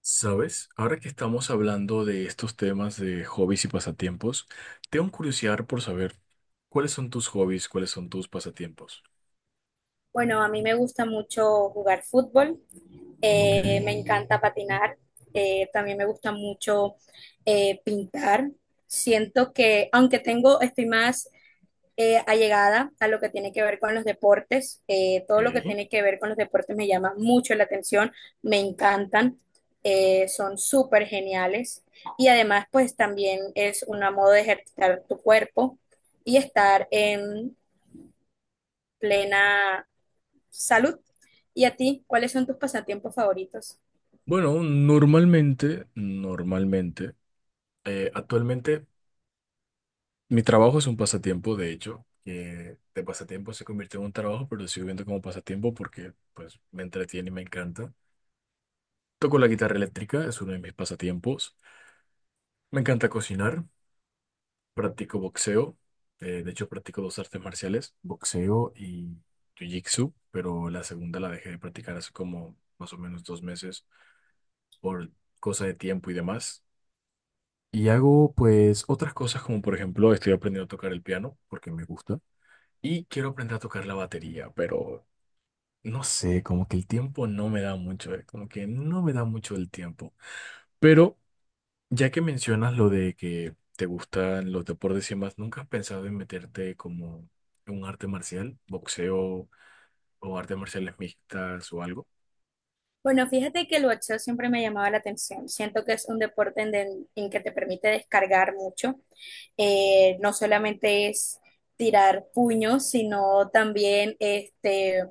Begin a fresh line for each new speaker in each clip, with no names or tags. ¿Sabes? Ahora que estamos hablando de estos temas de hobbies y pasatiempos, tengo curiosidad por saber cuáles son tus hobbies, cuáles son tus pasatiempos.
Bueno, a mí me gusta mucho jugar fútbol,
Ok,
me encanta patinar, también me gusta mucho pintar. Siento que, aunque tengo, estoy más allegada a lo que tiene que ver con los deportes, todo lo que
ok.
tiene que ver con los deportes me llama mucho la atención, me encantan, son súper geniales y además pues también es una modo de ejercitar tu cuerpo y estar en plena salud. ¿Y a ti? ¿Cuáles son tus pasatiempos favoritos?
Bueno, normalmente, normalmente, actualmente mi trabajo es un pasatiempo, de hecho, que de pasatiempo se convirtió en un trabajo, pero lo sigo viendo como pasatiempo porque pues me entretiene y me encanta. Toco la guitarra eléctrica, es uno de mis pasatiempos. Me encanta cocinar, practico boxeo. De hecho, practico dos artes marciales, boxeo y jiu-jitsu, pero la segunda la dejé de practicar hace como más o menos 2 meses por cosa de tiempo y demás. Y hago pues otras cosas como por ejemplo estoy aprendiendo a tocar el piano porque me gusta y quiero aprender a tocar la batería, pero no sé, como que el tiempo no me da mucho, como que no me da mucho el tiempo. Pero ya que mencionas lo de que te gustan los deportes y más, ¿nunca has pensado en meterte como en un arte marcial, boxeo o artes marciales mixtas o algo?
Bueno, fíjate que el boxeo siempre me llamaba la atención. Siento que es un deporte en que te permite descargar mucho. No solamente es tirar puños, sino también este,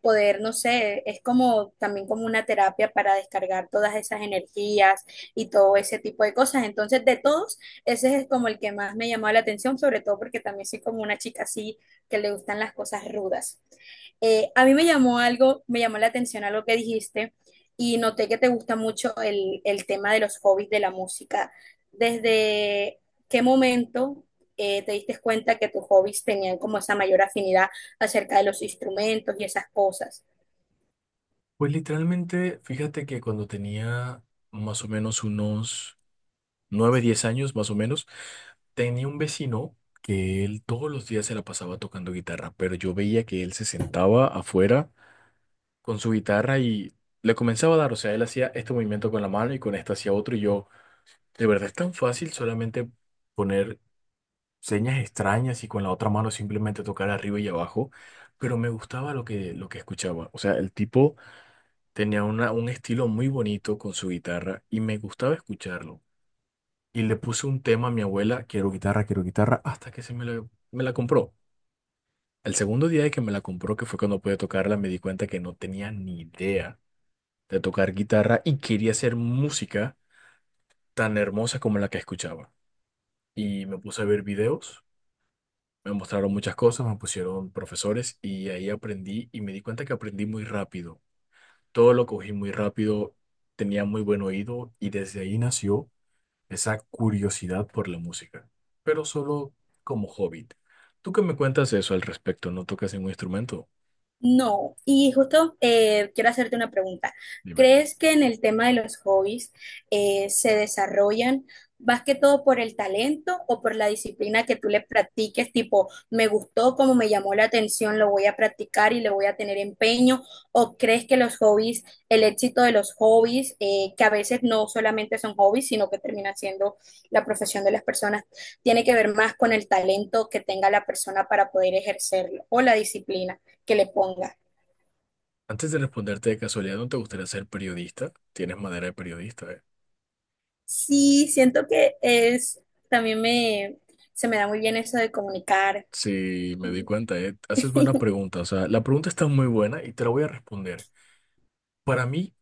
poder, no sé, es como también como una terapia para descargar todas esas energías y todo ese tipo de cosas. Entonces, de todos, ese es como el que más me llamaba la atención, sobre todo porque también soy como una chica así que le gustan las cosas rudas. A mí me llamó algo, me llamó la atención algo que dijiste y noté que te gusta mucho el tema de los hobbies de la música. ¿Desde qué momento te diste cuenta que tus hobbies tenían como esa mayor afinidad acerca de los instrumentos y esas cosas?
Pues literalmente, fíjate que cuando tenía más o menos unos 9 10 años, más o menos, tenía un vecino que él todos los días se la pasaba tocando guitarra, pero yo veía que él se sentaba afuera con su guitarra y le comenzaba a dar, o sea, él hacía este movimiento con la mano y con esta hacía otro y yo. De verdad es tan fácil solamente poner señas extrañas y con la otra mano simplemente tocar arriba y abajo, pero me gustaba lo que escuchaba. O sea, el tipo tenía una, un estilo muy bonito con su guitarra y me gustaba escucharlo. Y le puse un tema a mi abuela, quiero guitarra, hasta que me la compró. El segundo día de que me la compró, que fue cuando pude tocarla, me di cuenta que no tenía ni idea de tocar guitarra y quería hacer música tan hermosa como la que escuchaba. Y me puse a ver videos. Me mostraron muchas cosas, me pusieron profesores y ahí aprendí y me di cuenta que aprendí muy rápido. Todo lo cogí muy rápido, tenía muy buen oído y desde ahí nació esa curiosidad por la música, pero solo como hobby. ¿Tú qué me cuentas eso al respecto? ¿No tocas ningún instrumento?
No, y justo quiero hacerte una pregunta.
Dime.
¿Crees que en el tema de los hobbies se desarrollan más que todo por el talento o por la disciplina que tú le practiques? Tipo, me gustó, como me llamó la atención, lo voy a practicar y le voy a tener empeño. ¿O crees que los hobbies, el éxito de los hobbies, que a veces no solamente son hobbies, sino que termina siendo la profesión de las personas, tiene que ver más con el talento que tenga la persona para poder ejercerlo o la disciplina que le ponga?
Antes de responderte de casualidad, ¿no te gustaría ser periodista? Tienes madera de periodista, ¿eh?
Sí, siento que es, también me, se me da muy bien eso de comunicar.
Sí, me di cuenta, ¿eh? Haces buena pregunta, o sea, la pregunta está muy buena y te la voy a responder. Para mí,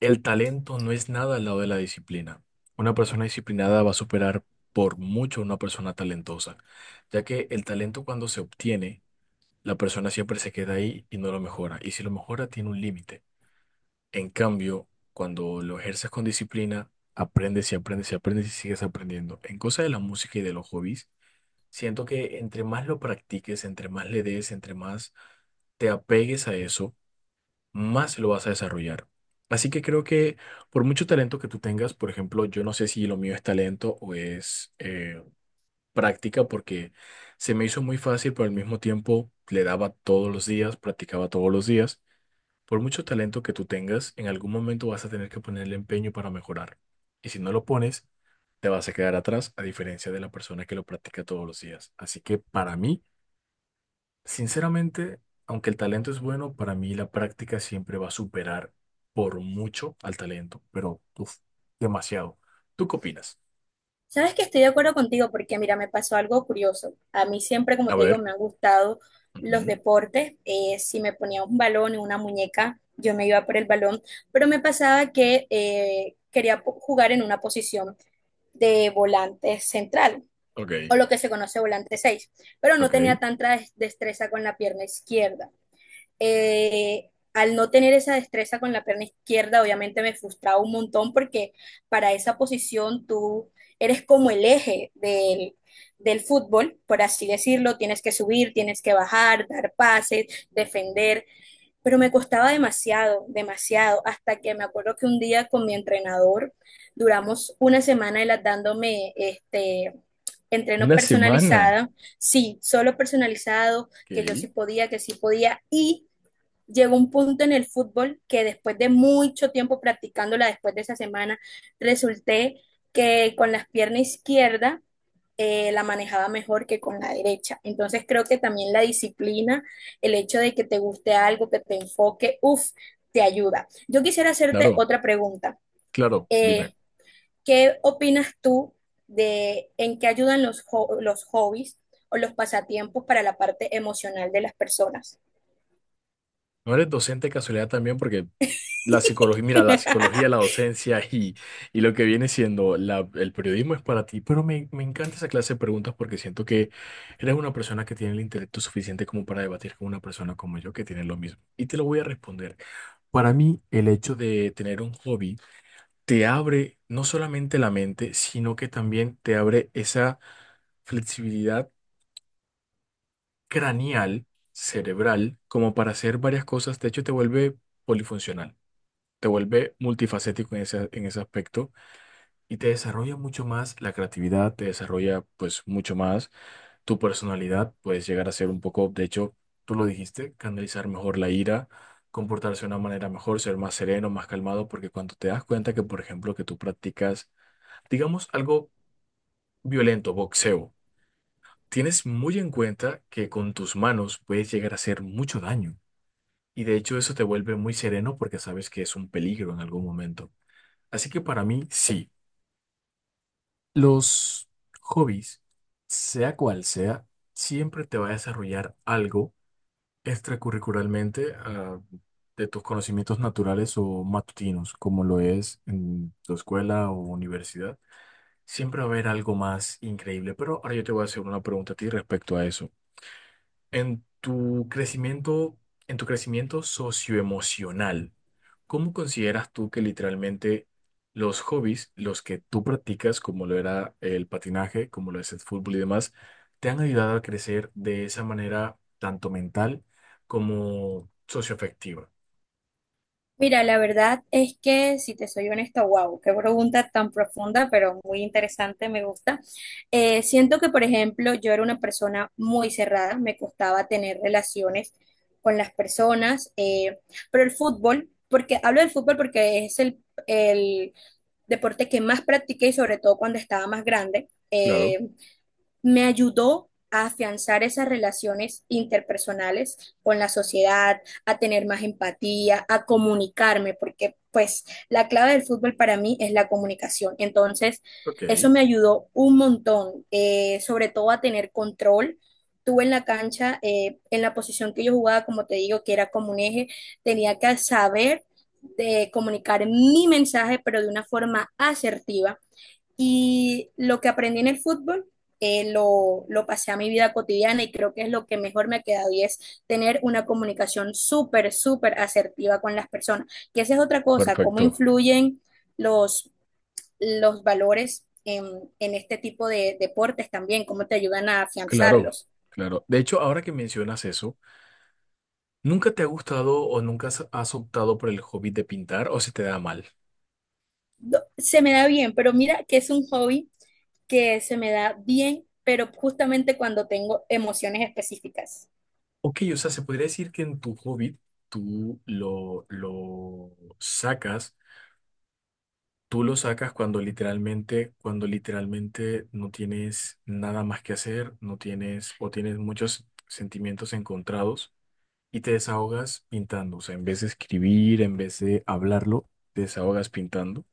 el talento no es nada al lado de la disciplina. Una persona disciplinada va a superar por mucho a una persona talentosa, ya que el talento cuando se obtiene, la persona siempre se queda ahí y no lo mejora. Y si lo mejora, tiene un límite. En cambio, cuando lo ejerces con disciplina, aprendes y aprendes y aprendes y sigues aprendiendo. En cosa de la música y de los hobbies, siento que entre más lo practiques, entre más le des, entre más te apegues a eso, más lo vas a desarrollar. Así que creo que por mucho talento que tú tengas, por ejemplo, yo no sé si lo mío es talento o es práctica, porque se me hizo muy fácil, pero al mismo tiempo le daba todos los días, practicaba todos los días. Por mucho talento que tú tengas, en algún momento vas a tener que ponerle empeño para mejorar. Y si no lo pones, te vas a quedar atrás, a diferencia de la persona que lo practica todos los días. Así que para mí, sinceramente, aunque el talento es bueno, para mí la práctica siempre va a superar por mucho al talento, pero uf, demasiado. ¿Tú qué opinas?
Sabes que estoy de acuerdo contigo porque, mira, me pasó algo curioso. A mí siempre, como
A
te digo,
ver.
me han gustado los
Ujú.
deportes. Si me ponía un balón y una muñeca, yo me iba por el balón, pero me pasaba que quería jugar en una posición de volante central
Ok,
o lo que se conoce volante 6. Pero no tenía
ok.
tanta destreza con la pierna izquierda. Al no tener esa destreza con la pierna izquierda, obviamente me frustraba un montón porque para esa posición tú eres como el eje del fútbol, por así decirlo, tienes que subir, tienes que bajar, dar pases, defender, pero me costaba demasiado, demasiado, hasta que me acuerdo que un día con mi entrenador duramos una semana él dándome este entreno
Una semana.
personalizado, sí, solo personalizado, que yo
Ok.
sí podía, que sí podía, y llegó un punto en el fútbol que después de mucho tiempo practicándola, después de esa semana, resulté que con la pierna izquierda la manejaba mejor que con la derecha. Entonces creo que también la disciplina, el hecho de que te guste algo, que te enfoque, uff, te ayuda. Yo quisiera hacerte
Claro,
otra pregunta.
claro, dime.
Eh, ¿Qué opinas tú de en qué ayudan los hobbies o los pasatiempos para la parte emocional de las personas?
¿No eres docente de casualidad también? Porque la psicología, mira, la psicología, la docencia y lo que viene siendo el periodismo es para ti, pero me encanta esa clase de preguntas porque siento que eres una persona que tiene el intelecto suficiente como para debatir con una persona como yo que tiene lo mismo. Y te lo voy a responder. Para mí, el hecho de tener un hobby te abre no solamente la mente, sino que también te abre esa flexibilidad craneal, cerebral, como para hacer varias cosas. De hecho, te vuelve polifuncional, te vuelve multifacético en ese aspecto y te desarrolla mucho más la creatividad, te desarrolla pues mucho más tu personalidad, puedes llegar a ser un poco, de hecho, tú lo dijiste, canalizar mejor la ira, comportarse de una manera mejor, ser más sereno, más calmado, porque cuando te das cuenta que, por ejemplo, que tú practicas, digamos, algo violento, boxeo, tienes muy en cuenta que con tus manos puedes llegar a hacer mucho daño. Y de hecho eso te vuelve muy sereno porque sabes que es un peligro en algún momento. Así que para mí, sí, los hobbies, sea cual sea, siempre te va a desarrollar algo extracurricularmente, de tus conocimientos naturales o matutinos, como lo es en tu escuela o universidad. Siempre va a haber algo más increíble, pero ahora yo te voy a hacer una pregunta a ti respecto a eso. En tu crecimiento, en tu crecimiento socioemocional, ¿cómo consideras tú que literalmente los hobbies, los que tú practicas, como lo era el patinaje, como lo es el fútbol y demás, te han ayudado a crecer de esa manera tanto mental como socioafectiva?
Mira, la verdad es que, si te soy honesta, wow, qué pregunta tan profunda, pero muy interesante, me gusta. Siento que, por ejemplo, yo era una persona muy cerrada, me costaba tener relaciones con las personas, pero el fútbol, porque hablo del fútbol porque es el deporte que más practiqué y sobre todo cuando estaba más grande.
Claro.
Me ayudó a afianzar esas relaciones interpersonales con la sociedad, a tener más empatía, a comunicarme, porque pues la clave del fútbol para mí es la comunicación. Entonces,
Ok,
eso me ayudó un montón, sobre todo a tener control. Tú en la cancha, en la posición que yo jugaba, como te digo, que era como un eje, tenía que saber de comunicar mi mensaje, pero de una forma asertiva y lo que aprendí en el fútbol lo pasé a mi vida cotidiana y creo que es lo que mejor me ha quedado y es tener una comunicación súper, súper asertiva con las personas. Que esa es otra cosa, cómo
perfecto.
influyen los, los valores en este tipo de deportes también, cómo te ayudan a
Claro,
afianzarlos.
claro. De hecho, ahora que mencionas eso, ¿nunca te ha gustado o nunca has optado por el hobby de pintar o se te da mal?
Se me da bien, pero mira que es un hobby que se me da bien, pero justamente cuando tengo emociones específicas.
Ok, o sea, se podría decir que en tu Hobbit tú lo sacas, tú lo sacas cuando literalmente no tienes nada más que hacer, no tienes o tienes muchos sentimientos encontrados y te desahogas pintando. O sea, en vez de escribir, en vez de hablarlo, te desahogas pintando.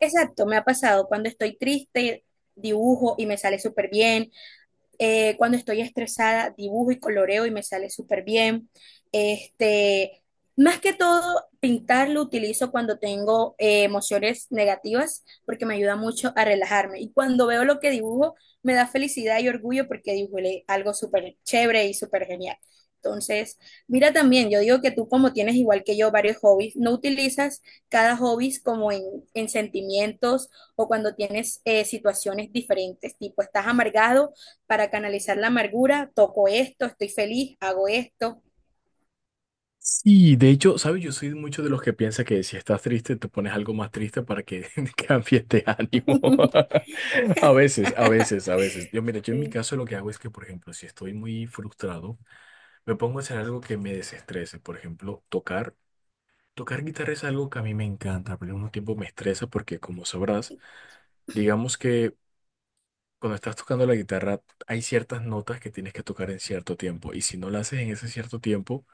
Exacto, me ha pasado cuando estoy triste, dibujo y me sale súper bien. Cuando estoy estresada, dibujo y coloreo y me sale súper bien. Este, más que todo, pintar lo utilizo cuando tengo emociones negativas porque me ayuda mucho a relajarme. Y cuando veo lo que dibujo, me da felicidad y orgullo porque dibujé algo súper chévere y súper genial. Entonces, mira también, yo digo que tú como tienes igual que yo varios hobbies, no utilizas cada hobby como en sentimientos o cuando tienes situaciones diferentes, tipo estás amargado para canalizar la amargura, toco esto, estoy feliz, hago esto.
Sí, de hecho, ¿sabes? Yo soy mucho de los que piensa que si estás triste, te pones algo más triste para que cambies de ánimo. A veces, a veces, a veces. Yo, mira, yo en mi
Sí.
caso lo que hago es que, por ejemplo, si estoy muy frustrado, me pongo a hacer algo que me desestrese. Por ejemplo, tocar. Tocar guitarra es algo que a mí me encanta, pero al mismo tiempo me estresa porque, como sabrás, digamos que cuando estás tocando la guitarra hay ciertas notas que tienes que tocar en cierto tiempo y si no las haces en ese cierto tiempo,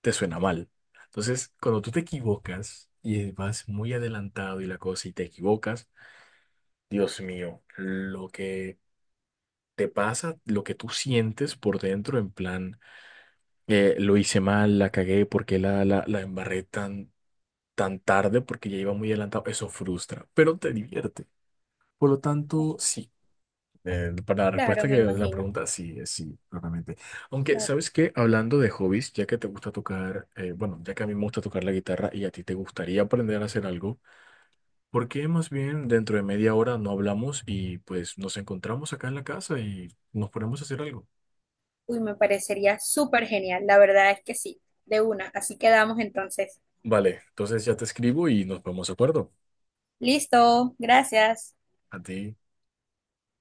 te suena mal. Entonces, cuando tú te equivocas y vas muy adelantado y la cosa y te equivocas, Dios mío, lo que te pasa, lo que tú sientes por dentro, en plan, lo hice mal, la cagué, porque la embarré tan, tan tarde, porque ya iba muy adelantado, eso frustra, pero te divierte. Por lo tanto, sí. Para la
Claro,
respuesta que
me
la
imagino.
pregunta, sí, es sí, claramente. Aunque,
Claro.
¿sabes qué? Hablando de hobbies, ya que te gusta tocar, bueno, ya que a mí me gusta tocar la guitarra y a ti te gustaría aprender a hacer algo, ¿por qué más bien dentro de media hora no hablamos y pues nos encontramos acá en la casa y nos ponemos a hacer algo?
Uy, me parecería súper genial. La verdad es que sí, de una. Así quedamos entonces.
Vale, entonces ya te escribo y nos ponemos de acuerdo.
Listo, gracias.
A ti.